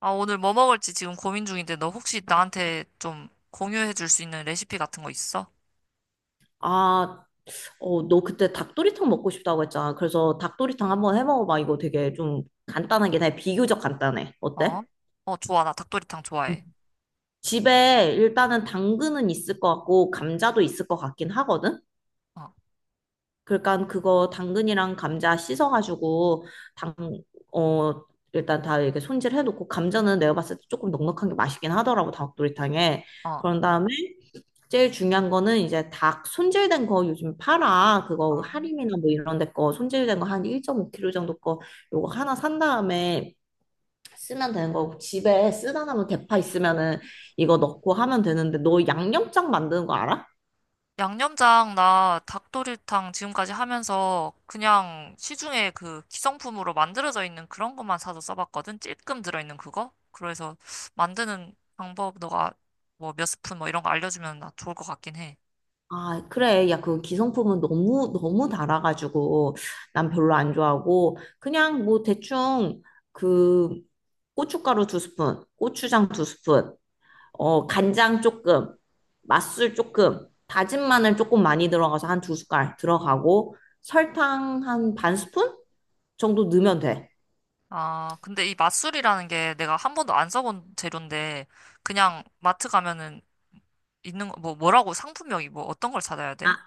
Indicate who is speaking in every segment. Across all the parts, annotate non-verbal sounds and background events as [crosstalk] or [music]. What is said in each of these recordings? Speaker 1: 아, 오늘 뭐 먹을지 지금 고민 중인데 너 혹시 나한테 좀 공유해 줄 수 있는 레시피 같은 거 있어?
Speaker 2: 아, 너 그때 닭도리탕 먹고 싶다고 했잖아. 그래서 닭도리탕 한번 해 먹어봐. 이거 되게 좀 간단하긴 해. 비교적 간단해.
Speaker 1: 어?
Speaker 2: 어때?
Speaker 1: 어, 좋아. 나 닭도리탕
Speaker 2: 음.
Speaker 1: 좋아해.
Speaker 2: 집에 일단은 당근은 있을 것 같고 감자도 있을 것 같긴 하거든.
Speaker 1: 어,
Speaker 2: 그러니까 그거 당근이랑 감자 씻어가지고 당, 어, 일단 다 이렇게 손질해놓고 감자는 내가 봤을 때 조금 넉넉한 게 맛있긴 하더라고, 닭도리탕에.
Speaker 1: 어.
Speaker 2: 그런 다음에 제일 중요한 거는 이제 닭 손질된 거 요즘 팔아. 그거
Speaker 1: 아.
Speaker 2: 할인이나 뭐 이런 데 거 손질된 거 한 1.5 kg 정도 거 요거 하나 산 다음에 쓰면 되는 거고, 집에 쓰다 남은 대파 있으면은 이거 넣고 하면 되는데, 너 양념장 만드는 거 알아?
Speaker 1: 양념장 나 닭도리탕 지금까지 하면서 그냥 시중에 그 기성품으로 만들어져 있는 그런 것만 사서 써봤거든? 찔끔 들어있는 그거? 그래서 만드는 방법 너가 뭐 몇 스푼 뭐 이런 거 알려주면 나 좋을 것 같긴 해.
Speaker 2: 아, 그래. 야, 그 기성품은 너무 너무 달아가지고 난 별로 안 좋아하고 그냥 뭐 대충 그 고춧가루 두 스푼, 고추장 두 스푼, 간장 조금, 맛술 조금, 다진 마늘 조금 많이 들어가서 한 두 숟갈 들어가고 설탕 한 반 스푼 정도 넣으면 돼.
Speaker 1: 아, 근데 이 맛술이라는 게 내가 한 번도 안 써본 재료인데 그냥 마트 가면은 있는 거, 뭐라고 상품명이 뭐 어떤 걸 찾아야 돼?
Speaker 2: 아,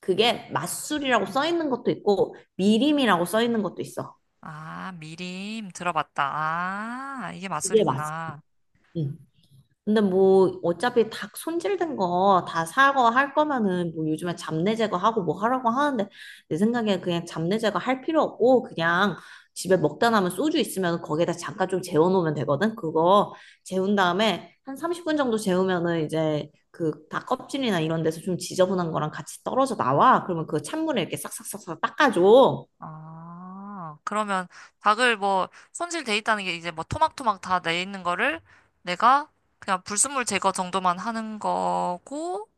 Speaker 2: 그게 맛술이라고 써 있는 것도 있고 미림이라고 써 있는 것도 있어.
Speaker 1: 아, 미림 들어봤다. 아, 이게
Speaker 2: 이게 맛.
Speaker 1: 맛술이구나.
Speaker 2: 응. 근데 뭐 어차피 닭 손질된 거 다 사고 할 거면은 뭐 요즘에 잡내 제거하고 뭐 하라고 하는데 내 생각에 그냥 잡내 제거할 필요 없고, 그냥 집에 먹다 남은 소주 있으면 거기에다 잠깐 좀 재워놓으면 되거든. 그거 재운 다음에 한 30분 정도 재우면은 이제 그 닭 껍질이나 이런 데서 좀 지저분한 거랑 같이 떨어져 나와. 그러면 그 찬물에 이렇게 싹싹싹싹 닦아줘.
Speaker 1: 아, 그러면 닭을 뭐 손질돼 있다는 게 이제 뭐 토막토막 다 내 있는 거를 내가 그냥 불순물 제거 정도만 하는 거고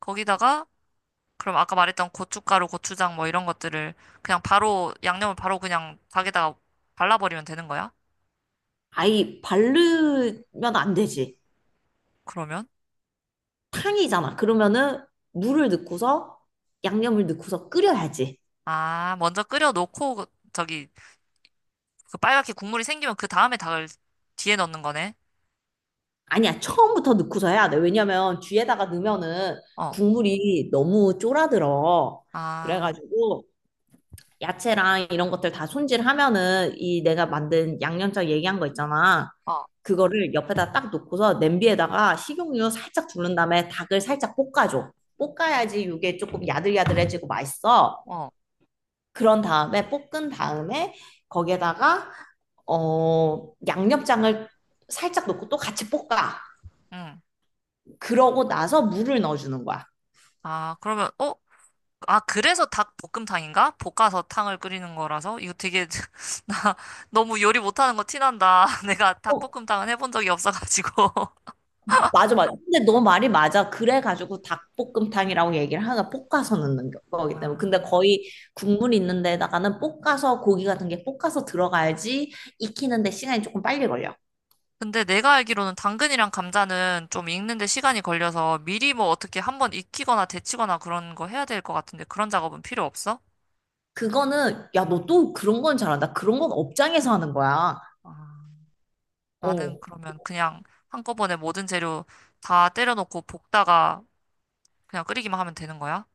Speaker 1: 거기다가 그럼 아까 말했던 고춧가루, 고추장 뭐 이런 것들을 그냥 바로 양념을 바로 그냥 닭에다가 발라버리면 되는 거야?
Speaker 2: 아이, 바르면 안 되지.
Speaker 1: 그러면?
Speaker 2: 탕이잖아. 그러면은 물을 넣고서 양념을 넣고서 끓여야지.
Speaker 1: 아, 먼저 끓여 놓고 저기 그 빨갛게 국물이 생기면 그 다음에 닭을 뒤에 넣는 거네.
Speaker 2: 아니야, 처음부터 넣고서 해야 돼. 왜냐면 뒤에다가 넣으면은
Speaker 1: 어.
Speaker 2: 국물이 너무 쫄아들어.
Speaker 1: 아,
Speaker 2: 그래가지고 야채랑 이런 것들 다 손질하면은 이 내가 만든 양념장 얘기한 거 있잖아.
Speaker 1: 어,
Speaker 2: 그거를 옆에다 딱 놓고서 냄비에다가 식용유 살짝 두른 다음에 닭을 살짝 볶아줘. 볶아야지 이게 조금 야들야들해지고 맛있어.
Speaker 1: 어,
Speaker 2: 그런 다음에 볶은 다음에 거기에다가 양념장을 살짝 넣고 또 같이 볶아.
Speaker 1: 응.
Speaker 2: 그러고 나서 물을 넣어주는 거야.
Speaker 1: 아, 그러면, 어? 아, 그래서 닭볶음탕인가? 볶아서 탕을 끓이는 거라서? 이거 되게, [laughs] 나 너무 요리 못하는 거 티난다. [laughs] 내가
Speaker 2: 어,
Speaker 1: 닭볶음탕은 해본 적이 없어가지고. [laughs]
Speaker 2: 맞아, 맞아. 근데 너 말이 맞아. 그래가지고 닭볶음탕이라고 얘기를 하나, 볶아서 넣는 거기 때문에.
Speaker 1: 아,
Speaker 2: 근데 거의 국물 있는 데다가는 볶아서, 고기 같은 게 볶아서 들어가야지 익히는데 시간이 조금 빨리 걸려.
Speaker 1: 근데 내가 알기로는 당근이랑 감자는 좀 익는데 시간이 걸려서 미리 뭐 어떻게 한번 익히거나 데치거나 그런 거 해야 될 것 같은데 그런 작업은 필요 없어?
Speaker 2: 그거는, 야, 너 또 그런 건 잘한다. 그런 건 업장에서 하는 거야.
Speaker 1: 아. 나는
Speaker 2: 어.
Speaker 1: 그러면 그냥 한꺼번에 모든 재료 다 때려놓고 볶다가 그냥 끓이기만 하면 되는 거야?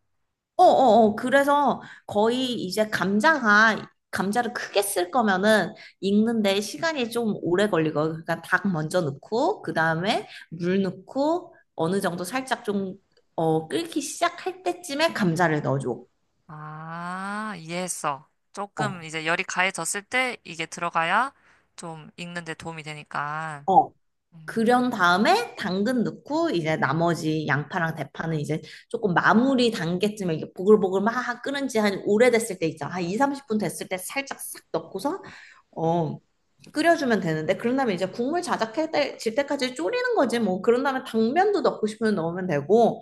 Speaker 2: 어어어 그래서 거의 이제 감자가, 감자를 크게 쓸 거면은 익는데 시간이 좀 오래 걸리고 그러니까 닭 먼저 넣고 그다음에 물 넣고 어느 정도 살짝 좀 끓기 시작할 때쯤에 감자를 넣어줘.
Speaker 1: 아, 이해했어. 조금
Speaker 2: 어,
Speaker 1: 이제 열이 가해졌을 때 이게 들어가야 좀 익는 데 도움이 되니까.
Speaker 2: 어.
Speaker 1: 음,
Speaker 2: 그런 다음에 당근 넣고 이제 나머지 양파랑 대파는 이제 조금 마무리 단계쯤에 이게 보글보글 막 끓은 지 한 오래됐을 때 있잖아. 한 2, 30분 됐을 때 살짝 싹 넣고서 어, 끓여주면 되는데, 그런 다음에 이제 국물 자작해 질 때까지 졸이는 거지 뭐. 그런 다음에 당면도 넣고 싶으면 넣으면 되고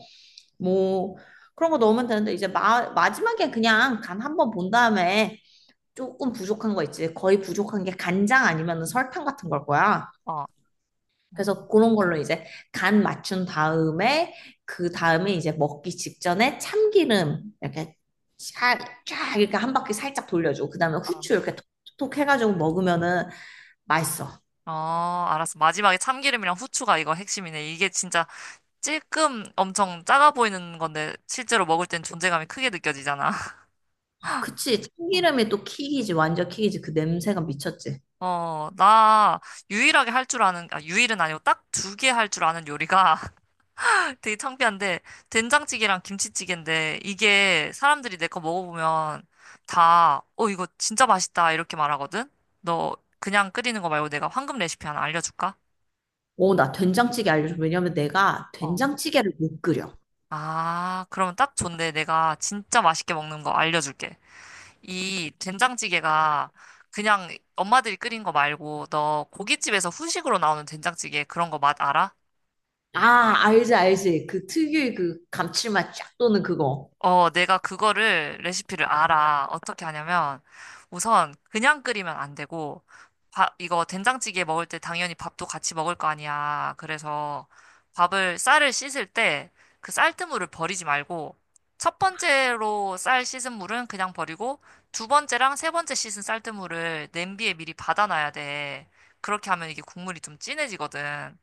Speaker 2: 뭐 그런 거 넣으면 되는데, 이제 마지막에 그냥 간 한번 본 다음에 조금 부족한 거 있지. 거의 부족한 게 간장 아니면 설탕 같은 걸 거야.
Speaker 1: 어, 음,
Speaker 2: 그래서 그런 걸로 이제 간 맞춘 다음에, 그 다음에 이제 먹기 직전에 참기름 이렇게 샤- 쫙 이렇게 한 바퀴 살짝 돌려주고, 그 다음에
Speaker 1: 어.
Speaker 2: 후추 이렇게 톡톡 해가지고 먹으면은 맛있어.
Speaker 1: 어, 알았어. 마지막에 참기름이랑 후추가 이거 핵심이네. 이게 진짜 찔끔 엄청 작아 보이는 건데 실제로 먹을 땐 존재감이 크게 느껴지잖아.
Speaker 2: 아, 그치.
Speaker 1: [laughs]
Speaker 2: 참기름이 또 킥이지. 완전 킥이지. 그 냄새가 미쳤지.
Speaker 1: 어, 나 유일하게 할 줄 아는, 아, 유일은 아니고 딱 두 개 할 줄 아는 요리가 [laughs] 되게 창피한데, 된장찌개랑 김치찌개인데, 이게 사람들이 내 거 먹어보면 다, 어, 이거 진짜 맛있다, 이렇게 말하거든? 너 그냥 끓이는 거 말고 내가 황금 레시피 하나 알려줄까?
Speaker 2: 오, 나 된장찌개 알려줘. 왜냐면 내가
Speaker 1: 어.
Speaker 2: 된장찌개를 못 끓여.
Speaker 1: 아, 그러면 딱 좋네. 내가 진짜 맛있게 먹는 거 알려줄게. 이 된장찌개가 그냥 엄마들이 끓인 거 말고, 너 고깃집에서 후식으로 나오는 된장찌개 그런 거 맛 알아?
Speaker 2: 아, 알지, 알지. 그 특유의 그 감칠맛 쫙 도는 그거.
Speaker 1: 어, 내가 그거를, 레시피를 알아. 어떻게 하냐면, 우선 그냥 끓이면 안 되고, 밥, 이거 된장찌개 먹을 때 당연히 밥도 같이 먹을 거 아니야. 그래서 밥을, 쌀을 씻을 때 그 쌀뜨물을 버리지 말고, 첫 번째로 쌀 씻은 물은 그냥 버리고, 두 번째랑 세 번째 씻은 쌀뜨물을 냄비에 미리 받아놔야 돼. 그렇게 하면 이게 국물이 좀 진해지거든.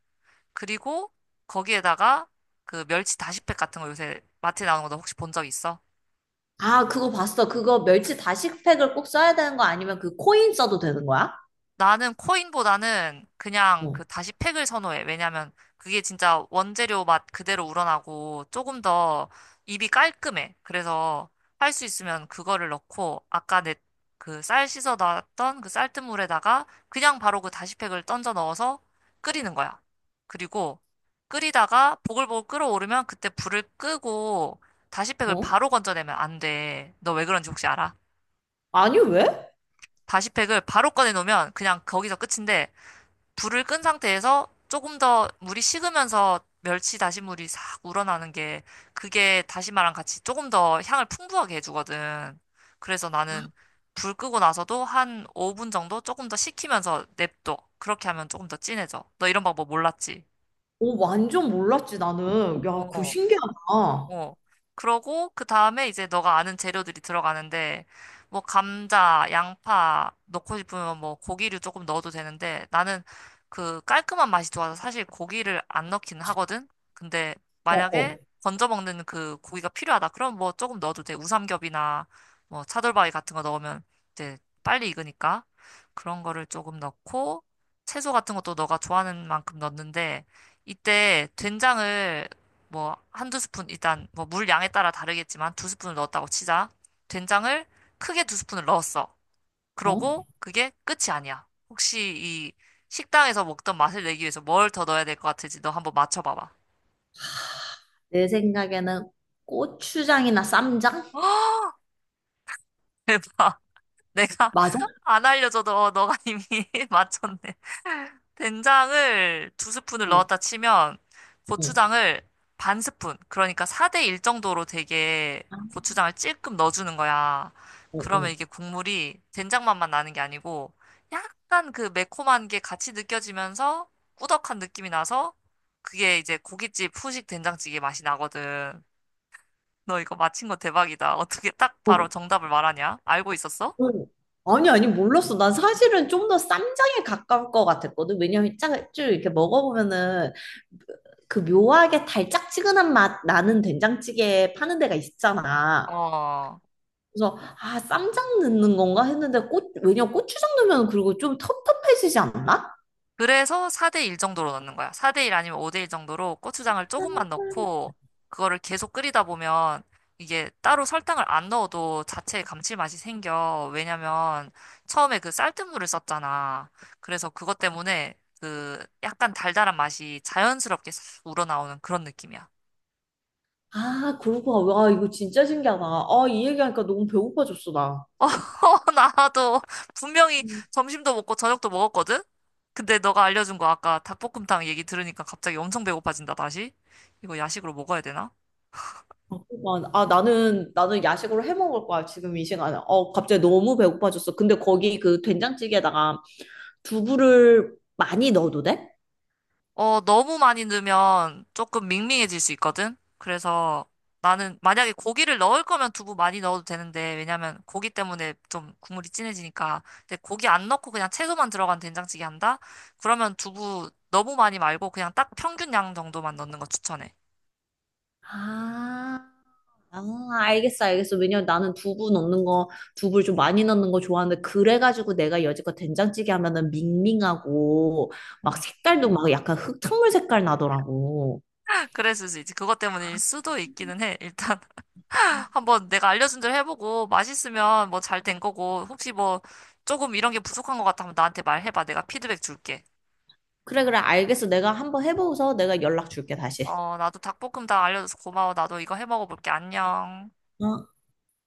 Speaker 1: 그리고 거기에다가 그 멸치 다시팩 같은 거 요새 마트에 나오는 거 너 혹시 본 적 있어?
Speaker 2: 아, 그거 봤어. 그거 멸치 다시팩을 꼭 써야 되는 거 아니면 그 코인 써도 되는 거야?
Speaker 1: 나는 코인보다는 그냥
Speaker 2: 어,
Speaker 1: 그 다시 팩을 선호해. 왜냐면 그게 진짜 원재료 맛 그대로 우러나고 조금 더 입이 깔끔해. 그래서 할 수 있으면 그거를 넣고 아까 내 그 쌀 씻어 놨던 그 쌀뜨물에다가 그냥 바로 그 다시 팩을 던져 넣어서 끓이는 거야. 그리고 끓이다가 보글보글 끓어오르면 그때 불을 끄고 다시 팩을
Speaker 2: 어?
Speaker 1: 바로 건져내면 안 돼. 너 왜 그런지 혹시 알아?
Speaker 2: 아니, 왜?
Speaker 1: 다시팩을 바로 꺼내놓으면 그냥 거기서 끝인데 불을 끈 상태에서 조금 더 물이 식으면서 멸치 다시물이 싹 우러나는 게 그게 다시마랑 같이 조금 더 향을 풍부하게 해주거든. 그래서 나는 불 끄고 나서도 한 5분 정도 조금 더 식히면서 냅둬. 그렇게 하면 조금 더 진해져. 너 이런 방법 몰랐지?
Speaker 2: 오, 완전 몰랐지, 나는. 야, 그거
Speaker 1: 어.
Speaker 2: 신기하다. 어,
Speaker 1: 어. 그러고 그 다음에 이제 너가 아는 재료들이 들어가는데 뭐 감자, 양파 넣고 싶으면 뭐 고기를 조금 넣어도 되는데 나는 그 깔끔한 맛이 좋아서 사실 고기를 안 넣긴 하거든. 근데 만약에
Speaker 2: 어,
Speaker 1: 건져 먹는 그 고기가 필요하다. 그럼 뭐 조금 넣어도 돼. 우삼겹이나 뭐 차돌바위 같은 거 넣으면 이제 빨리 익으니까 그런 거를 조금 넣고 채소 같은 것도 너가 좋아하는 만큼 넣는데 이때 된장을 뭐 한두 스푼 일단 뭐 물 양에 따라 다르겠지만 두 스푼을 넣었다고 치자. 된장을 크게 두 스푼을 넣었어.
Speaker 2: 어?
Speaker 1: 그러고 그게 끝이 아니야. 혹시 이 식당에서 먹던 맛을 내기 위해서 뭘 더 넣어야 될 것 같을지 너 한번 맞춰봐봐.
Speaker 2: 내 생각에는 고추장이나 쌈장?
Speaker 1: [laughs] 대박. 내가
Speaker 2: 맞아?
Speaker 1: 안 알려줘도 어, 너가 이미 [laughs] 맞췄네. 된장을 두 스푼을
Speaker 2: 어,
Speaker 1: 넣었다 치면
Speaker 2: 어,
Speaker 1: 고추장을 반 스푼, 그러니까 4대 1 정도로 되게
Speaker 2: 아,
Speaker 1: 고추장을 찔끔 넣어주는 거야.
Speaker 2: 어,
Speaker 1: 그러면
Speaker 2: 어.
Speaker 1: 이게 국물이 된장 맛만 나는 게 아니고 약간 그 매콤한 게 같이 느껴지면서 꾸덕한 느낌이 나서 그게 이제 고깃집 후식 된장찌개 맛이 나거든. 너 이거 맞힌 거 대박이다. 어떻게 딱 바로
Speaker 2: 어,
Speaker 1: 정답을 말하냐? 알고 있었어?
Speaker 2: 응. 아니, 아니, 몰랐어. 난 사실은 좀 더 쌈장에 가까울 것 같았거든. 왜냐면 쭉 이렇게 먹어보면은 그 묘하게 달짝지근한 맛 나는 된장찌개 파는 데가 있잖아.
Speaker 1: 어.
Speaker 2: 그래서, 아, 쌈장 넣는 건가 했는데, 왜냐면 고추장 넣으면 그리고 좀 텁텁해지지 않나?
Speaker 1: 그래서 4대 1 정도로 넣는 거야. 4대 1 아니면 5대 1 정도로 고추장을 조금만 넣고 그거를 계속 끓이다 보면 이게 따로 설탕을 안 넣어도 자체의 감칠맛이 생겨. 왜냐면 처음에 그 쌀뜨물을 썼잖아. 그래서 그것 때문에 그 약간 달달한 맛이 자연스럽게 싹 우러나오는 그런 느낌이야.
Speaker 2: 아, 그러고, 와, 이거 진짜 신기하다. 아, 이 얘기하니까 너무 배고파졌어, 나.
Speaker 1: [laughs] 어, 나도 분명히 점심도 먹고 저녁도 먹었거든? 근데 너가 알려준 거 아까 닭볶음탕 얘기 들으니까 갑자기 엄청 배고파진다, 다시? 이거 야식으로 먹어야 되나?
Speaker 2: 아, 그만. 아, 나는 야식으로 해 먹을 거야, 지금 이 시간에. 어, 갑자기 너무 배고파졌어. 근데 거기 그 된장찌개에다가 두부를 많이 넣어도 돼?
Speaker 1: 어, 너무 많이 넣으면 조금 밍밍해질 수 있거든? 그래서 나는 만약에 고기를 넣을 거면 두부 많이 넣어도 되는데, 왜냐면 고기 때문에 좀 국물이 진해지니까. 근데 고기 안 넣고 그냥 채소만 들어간 된장찌개 한다? 그러면 두부 너무 많이 말고 그냥 딱 평균 양 정도만 넣는 거 추천해.
Speaker 2: 아, 아, 알겠어, 알겠어. 왜냐면 나는 두부 넣는 거, 두부를 좀 많이 넣는 거 좋아하는데, 그래가지고 내가 여지껏 된장찌개 하면은 밍밍하고, 막 색깔도 막 약간 흙탕물 색깔 나더라고.
Speaker 1: [laughs] 그랬을 수 있지. 그것 때문일 수도 있기는 해. 일단 [laughs] 한번 내가 알려준 대로 해보고 맛있으면 뭐 잘 된 거고, 혹시 뭐 조금 이런 게 부족한 것 같아 하면 나한테 말해봐. 내가 피드백 줄게.
Speaker 2: 그래, 그래, 알겠어. 내가 한번 해보고서 내가 연락 줄게, 다시.
Speaker 1: 어, 나도 닭볶음 다 알려줘서 고마워. 나도 이거 해 먹어볼게. 안녕.